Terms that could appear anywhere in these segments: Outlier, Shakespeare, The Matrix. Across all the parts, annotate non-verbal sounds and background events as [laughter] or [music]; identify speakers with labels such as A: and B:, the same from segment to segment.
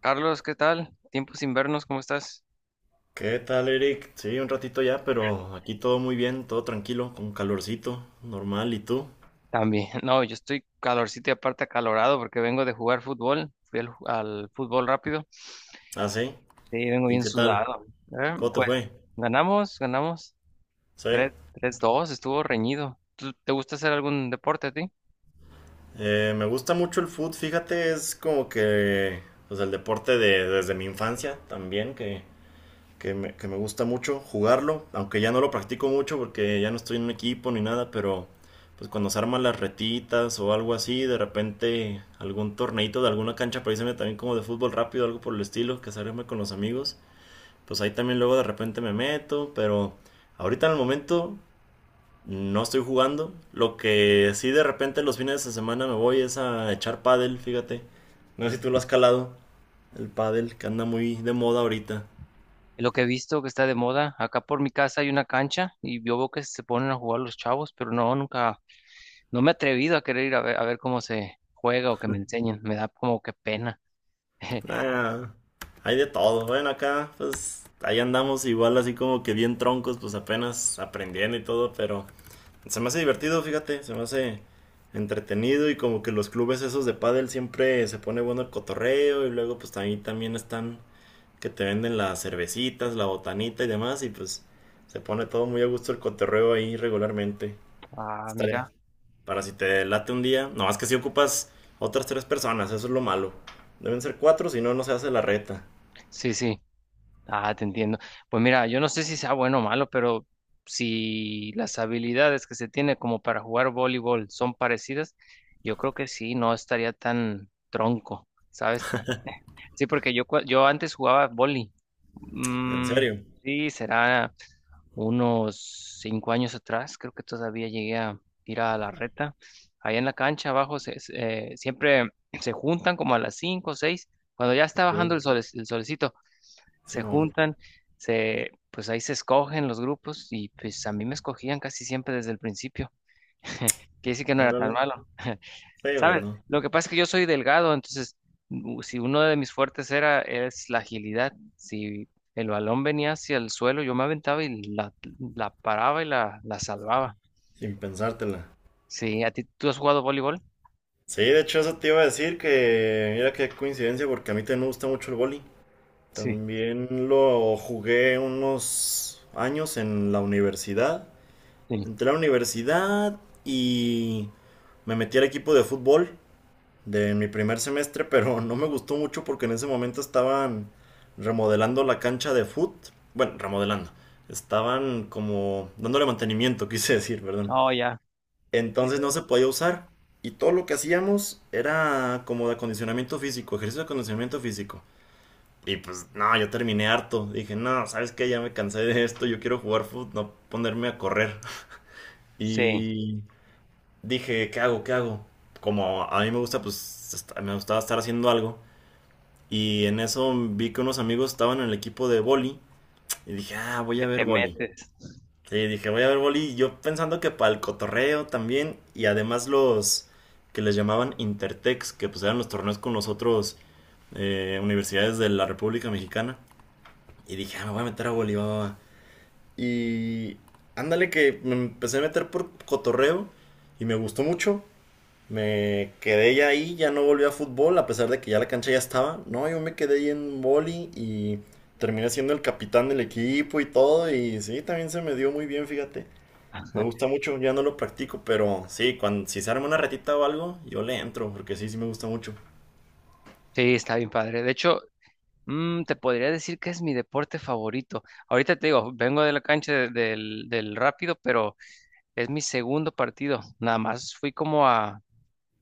A: Carlos, ¿qué tal? Tiempo sin vernos, ¿cómo estás?
B: ¿Qué tal, Eric? Sí, un ratito ya, pero aquí todo muy bien, todo tranquilo, con calorcito, normal. ¿Y tú?
A: También, [laughs] no, yo estoy calorcito y aparte acalorado porque vengo de jugar fútbol, fui al fútbol rápido,
B: Ah, sí.
A: sí, vengo
B: ¿Y
A: bien
B: qué tal?
A: sudado. Eh,
B: ¿Cómo te
A: Pues
B: fue?
A: ganamos
B: Sí.
A: tres, dos. Estuvo reñido. ¿Te gusta hacer algún deporte a ti?
B: Me gusta mucho el fútbol, fíjate, es como que, pues el deporte de, desde mi infancia también, que me gusta mucho jugarlo, aunque ya no lo practico mucho porque ya no estoy en un equipo ni nada, pero pues cuando se arman las retitas o algo así, de repente algún torneito de alguna cancha, pareceme también como de fútbol rápido, algo por el estilo, que se arme con los amigos, pues ahí también luego de repente me meto, pero ahorita en el momento no estoy jugando, lo que sí de repente los fines de semana me voy es a echar pádel, fíjate, no sé si tú lo has calado, el pádel que anda muy de moda ahorita.
A: Lo que he visto que está de moda, acá por mi casa hay una cancha y yo veo que se ponen a jugar los chavos, pero no, nunca, no me he atrevido a querer ir a ver cómo se juega o que me enseñen, me da como que pena. [laughs]
B: Ah, hay de todo. Bueno, acá, pues, ahí andamos igual así como que bien troncos, pues apenas aprendiendo y todo, pero se me hace divertido, fíjate, se me hace entretenido y como que los clubes esos de pádel siempre se pone bueno el cotorreo y luego pues ahí también están que te venden las cervecitas, la botanita y demás y pues se pone todo muy a gusto el cotorreo ahí regularmente.
A: Ah,
B: Estaré
A: mira,
B: para si te late un día, no más que si ocupas otras tres personas, eso es lo malo. Deben ser cuatro, si no, no se hace la reta.
A: sí, sí. Ah, te entiendo. Pues mira, yo no sé si sea bueno o malo, pero si las habilidades que se tiene como para jugar voleibol son parecidas, yo creo que sí, no estaría tan tronco, ¿sabes? Sí, porque yo antes jugaba vóley.
B: ¿En
A: Mm,
B: serio?
A: sí, será unos 5 años atrás, creo que todavía llegué a ir a la reta. Allá en la cancha abajo, siempre se juntan como a las cinco o seis, cuando ya está bajando
B: Ok.
A: el sol, el solecito
B: Sí,
A: se
B: bueno.
A: juntan, pues ahí se escogen los grupos y pues a mí me escogían casi siempre desde el principio. [laughs] Quiere decir que no era tan
B: Órale.
A: malo. [laughs]
B: Sí, o
A: ¿Sabes?
B: no.
A: Lo que pasa es que yo soy delgado, entonces, si uno de mis fuertes era es la agilidad, si el balón venía hacia el suelo, yo me aventaba y la paraba y la salvaba.
B: Sin pensártela.
A: Sí, ¿a ti tú has jugado voleibol?
B: Sí, de hecho eso te iba a decir que mira qué coincidencia porque a mí también me gusta mucho el vóley.
A: Sí,
B: También lo jugué unos años en la universidad.
A: sí.
B: Entré a la universidad y me metí al equipo de fútbol de mi primer semestre, pero no me gustó mucho porque en ese momento estaban remodelando la cancha de fútbol. Bueno, remodelando. Estaban como dándole mantenimiento, [laughs] quise decir, perdón.
A: Oh, ya.
B: Entonces no se podía usar. Y todo lo que hacíamos era como de acondicionamiento físico, ejercicio de acondicionamiento físico. Y pues no, yo terminé harto. Dije, no, ¿sabes qué? Ya me cansé de esto, yo quiero jugar fútbol, no ponerme a correr. [laughs]
A: Sí,
B: Y dije, ¿qué hago? ¿Qué hago? Como a mí me gusta, pues me gustaba estar haciendo algo. Y en eso vi que unos amigos estaban en el equipo de boli. Y dije, ah, voy a
A: que te
B: ver boli.
A: metes.
B: Sí, dije, voy a ver boli. Y yo pensando que para el cotorreo también. Y además los que les llamaban Intertex, que pues eran los torneos con los otros universidades de la República Mexicana. Y dije, ah, me voy a meter a boli, va, va, va. Y ándale que me empecé a meter por cotorreo. Y me gustó mucho. Me quedé ya ahí, ya no volví a fútbol, a pesar de que ya la cancha ya estaba. No, yo me quedé ahí en boli y terminé siendo el capitán del equipo y todo. Y sí, también se me dio muy bien, fíjate. Me gusta mucho, ya no lo practico, pero sí, cuando, si se arma una retita o algo, yo le entro, porque sí, sí me gusta mucho.
A: Sí, está bien padre. De hecho, te podría decir que es mi deporte favorito. Ahorita te digo, vengo de la cancha del Rápido, pero es mi segundo partido. Nada más fui como a,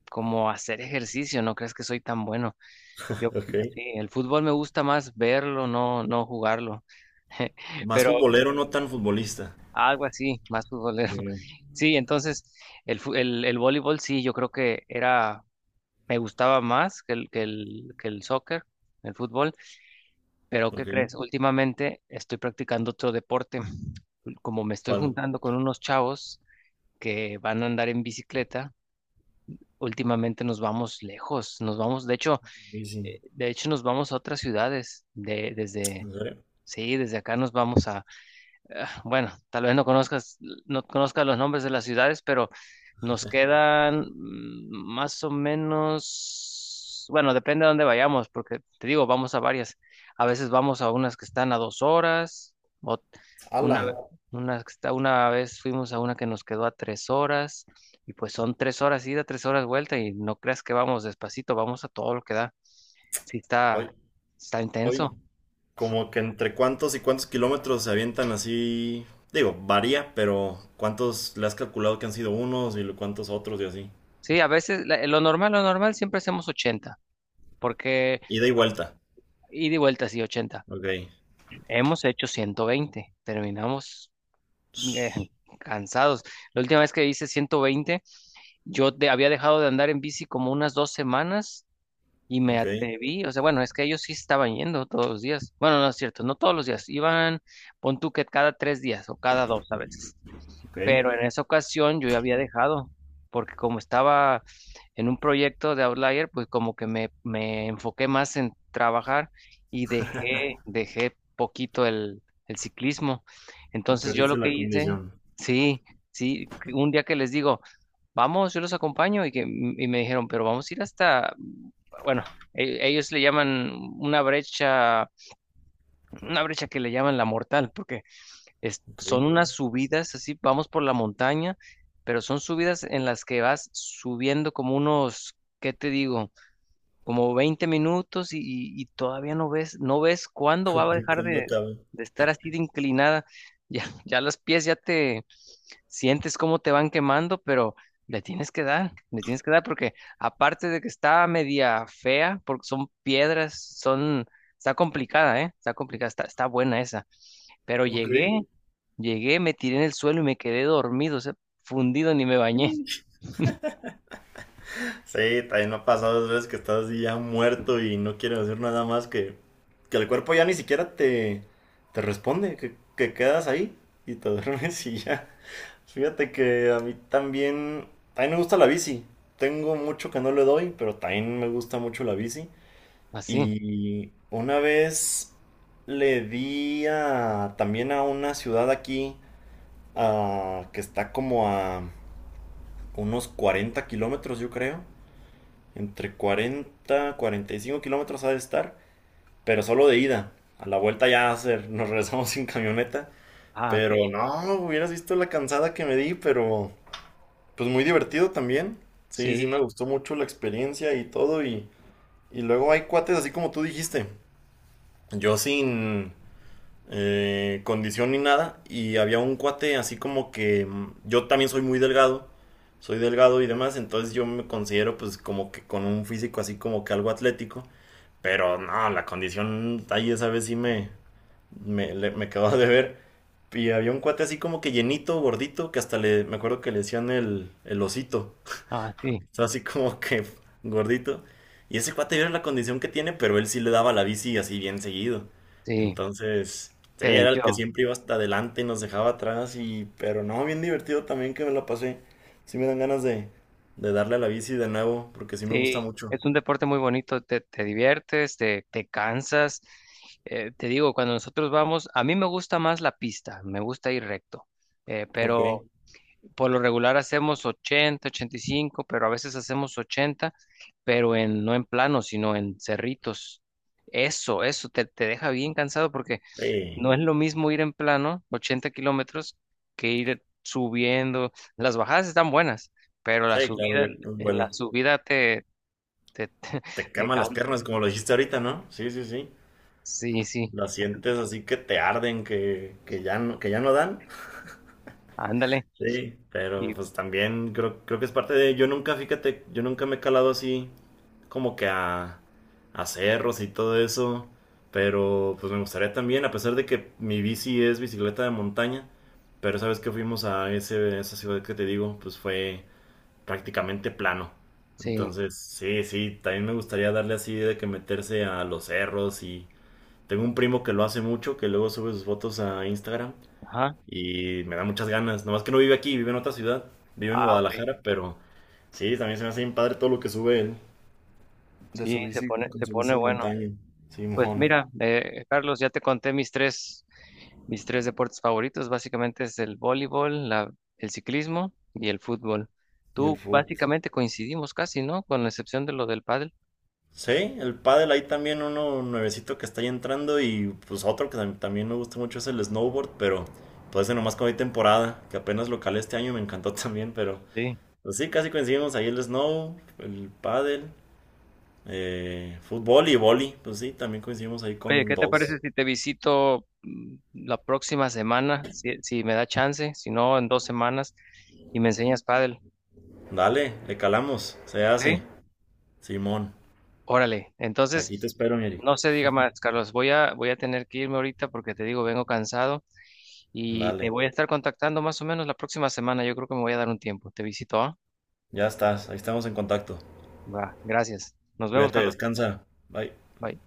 A: como a hacer ejercicio. ¿No crees que soy tan bueno? Yo,
B: Ok.
A: sí, el fútbol me gusta más verlo, no, no jugarlo. [laughs]
B: Más
A: Pero
B: futbolero, no tan futbolista.
A: algo así, más futbolero. [laughs]
B: Sí.
A: Sí, entonces el voleibol, sí, yo creo que era, me gustaba más que el soccer, el fútbol. Pero, ¿qué
B: Ok.
A: crees? Últimamente estoy practicando otro deporte. Como me estoy
B: ¿Cuál?
A: juntando con unos chavos que van a andar en bicicleta, últimamente nos vamos lejos. Nos vamos, de hecho,
B: Sí, sí.
A: eh, de hecho nos vamos a otras ciudades. De, desde,
B: ¿En serio?
A: sí, desde acá nos vamos a, ah, bueno, tal vez no conozcas los nombres de las ciudades, pero nos quedan, más o menos, bueno, depende de dónde vayamos, porque te digo, vamos a varias. A veces vamos a unas que están a 2 horas, o
B: ¡Hala!
A: una, ve- una vez fuimos a una que nos quedó a 3 horas, y pues son 3 horas ida, 3 horas vuelta, y no creas que vamos despacito, vamos a todo lo que da. Sí, está,
B: Hoy,
A: está
B: hoy,
A: intenso.
B: como que entre cuántos y cuántos kilómetros se avientan así. Digo, varía, pero ¿cuántos le has calculado que han sido unos y lo- cuántos otros y así?
A: Sí, a veces lo normal siempre hacemos 80, porque...
B: Ida y vuelta.
A: Y de vuelta, sí, 80.
B: Ok.
A: Hemos hecho 120. Terminamos, eh,
B: Sh.
A: cansados. La última vez que hice 120, yo había dejado de andar en bici como unas 2 semanas y me
B: Ok.
A: atreví. O sea, bueno, es que ellos sí estaban yendo todos los días. Bueno, no es cierto, no todos los días. Iban, pon tú que cada 3 días o cada dos a veces.
B: Ok.
A: Pero en esa ocasión yo ya había dejado, porque como estaba en un proyecto de Outlier, pues como que me enfoqué más en trabajar y dejé poquito el ciclismo.
B: Y
A: Entonces, yo lo
B: perdiste
A: que
B: la
A: hice,
B: condición.
A: sí, sí, que un día que les digo, vamos, yo los acompaño, y me dijeron, pero vamos a ir hasta, bueno, ellos le llaman una brecha, una brecha, que le llaman la mortal, porque
B: Ok.
A: son unas subidas así, vamos por la montaña, pero son subidas en las que vas subiendo como unos, ¿qué te digo? Como 20 minutos, y todavía no ves cuándo va a
B: [laughs]
A: dejar
B: ¿Cuándo
A: de,
B: acaba?
A: de estar así de inclinada. [laughs] Ya, ya los pies, ya te sientes cómo te van quemando, pero le tienes que dar, le tienes que dar, porque aparte de que está media fea, porque son piedras, está complicada, ¿eh? Está complicada, está buena esa. Pero
B: Ok.
A: llegué, me tiré en el suelo y me quedé dormido, o sea, fundido, ni me bañé. [laughs]
B: [laughs] Sí, también me ha pasado dos veces que estás así ya muerto y no quieres hacer nada más que el cuerpo ya ni siquiera te, te responde, que quedas ahí y te [laughs] duermes y ya. Fíjate que a mí también me gusta la bici. Tengo mucho que no le doy, pero también me gusta mucho la bici.
A: Así.
B: Y una vez le di a, también a una ciudad aquí, ah, que está como a unos 40 kilómetros, yo creo. Entre 40, 45 kilómetros ha de estar, pero solo de ida. A la vuelta ya hacer, nos regresamos [laughs] sin camioneta.
A: Ah, ok.
B: Pero no, hubieras visto la cansada que me di, pero... Pues muy divertido también. Sí, sí,
A: Sí,
B: me gustó mucho la experiencia y todo. Y luego hay cuates, así como tú dijiste. Yo sin condición ni nada. Y había un cuate así como que yo también soy muy delgado. Soy delgado y demás. Entonces yo me considero pues como que con un físico así como que algo atlético. Pero no, la condición ahí esa vez sí me quedó de ver. Y había un cuate así como que llenito, gordito, que hasta le, me acuerdo que le decían el osito.
A: ah, sí,
B: Sea, así como que gordito. Y ese cuate yo era la condición que tiene, pero él sí le daba la bici así bien seguido.
A: sí,
B: Entonces, sí,
A: te
B: era el que
A: venció.
B: siempre iba hasta adelante y nos dejaba atrás. Y, pero no, bien divertido también que me la pasé. Sí me dan ganas de darle a la bici de nuevo, porque sí me gusta
A: Sí,
B: mucho.
A: es un deporte muy bonito, te diviertes, te cansas. Te digo, cuando nosotros vamos, a mí me gusta más la pista, me gusta ir recto,
B: Ok.
A: pero por lo regular hacemos 80, 85, pero a veces hacemos 80, pero no en plano, sino en cerritos. Eso te deja bien cansado, porque
B: Sí,
A: no es lo mismo ir en plano, 80 kilómetros, que ir subiendo. Las bajadas están buenas, pero la
B: sí, claro,
A: subida,
B: ya que
A: en la
B: vuelo.
A: subida te, te, [laughs]
B: Te
A: te
B: queman las
A: cansa.
B: piernas, como lo dijiste ahorita, ¿no? Sí, sí, sí.
A: Sí, sí,
B: Las sientes así que te arden, que ya no dan.
A: ándale.
B: Sí, pero
A: Y
B: pues también creo que es parte de... Yo nunca, fíjate, yo nunca me he calado así como que a cerros y todo eso, pero pues me gustaría también, a pesar de que mi bici es bicicleta de montaña, pero sabes que fuimos a esa ciudad que te digo, pues fue prácticamente plano.
A: sí,
B: Entonces, sí, sí, también me gustaría darle así de que meterse a los cerros y tengo un primo que lo hace mucho, que luego sube sus fotos a Instagram
A: ajá.
B: y me da muchas ganas. Nomás que no vive aquí, vive en otra ciudad. Vive en
A: Ah, ok.
B: Guadalajara, pero sí, también se me hace bien padre todo lo que sube él. De
A: Sí,
B: su
A: se
B: bici,
A: pone,
B: con
A: se
B: su
A: pone
B: bici de
A: bueno.
B: montaña.
A: Pues
B: Simón.
A: mira, Carlos, ya te conté mis tres deportes favoritos. Básicamente es el voleibol, el ciclismo y el fútbol.
B: Y el
A: Tú
B: foot.
A: básicamente coincidimos casi, ¿no? Con la excepción de lo del pádel.
B: Sí, el pádel ahí también uno nuevecito que está ahí entrando y pues otro que también me gusta mucho es el snowboard, pero pues ese nomás como hay temporada, que apenas lo calé este año me encantó [laughs] también, pero
A: Sí.
B: pues sí, casi coincidimos ahí el snow, el pádel, fútbol y vóley, pues sí, también coincidimos ahí
A: Oye,
B: con
A: ¿qué te
B: dos.
A: parece si te visito, la próxima semana? Si me da chance, si no, en 2 semanas, y me enseñas pádel.
B: Dale, le calamos, se hace.
A: ¿Sí?
B: Simón,
A: Órale.
B: aquí te
A: Entonces,
B: espero, Eric.
A: no se diga más, Carlos. Voy a tener que irme ahorita porque te digo, vengo cansado y te
B: Dale,
A: voy a estar contactando más o menos la próxima semana. Yo creo que me voy a dar un tiempo. Te visito, ¿ah?
B: ya estás, ahí estamos en contacto.
A: Va, gracias. Nos vemos,
B: Cuídate,
A: Carlos.
B: descansa. Bye.
A: Bye.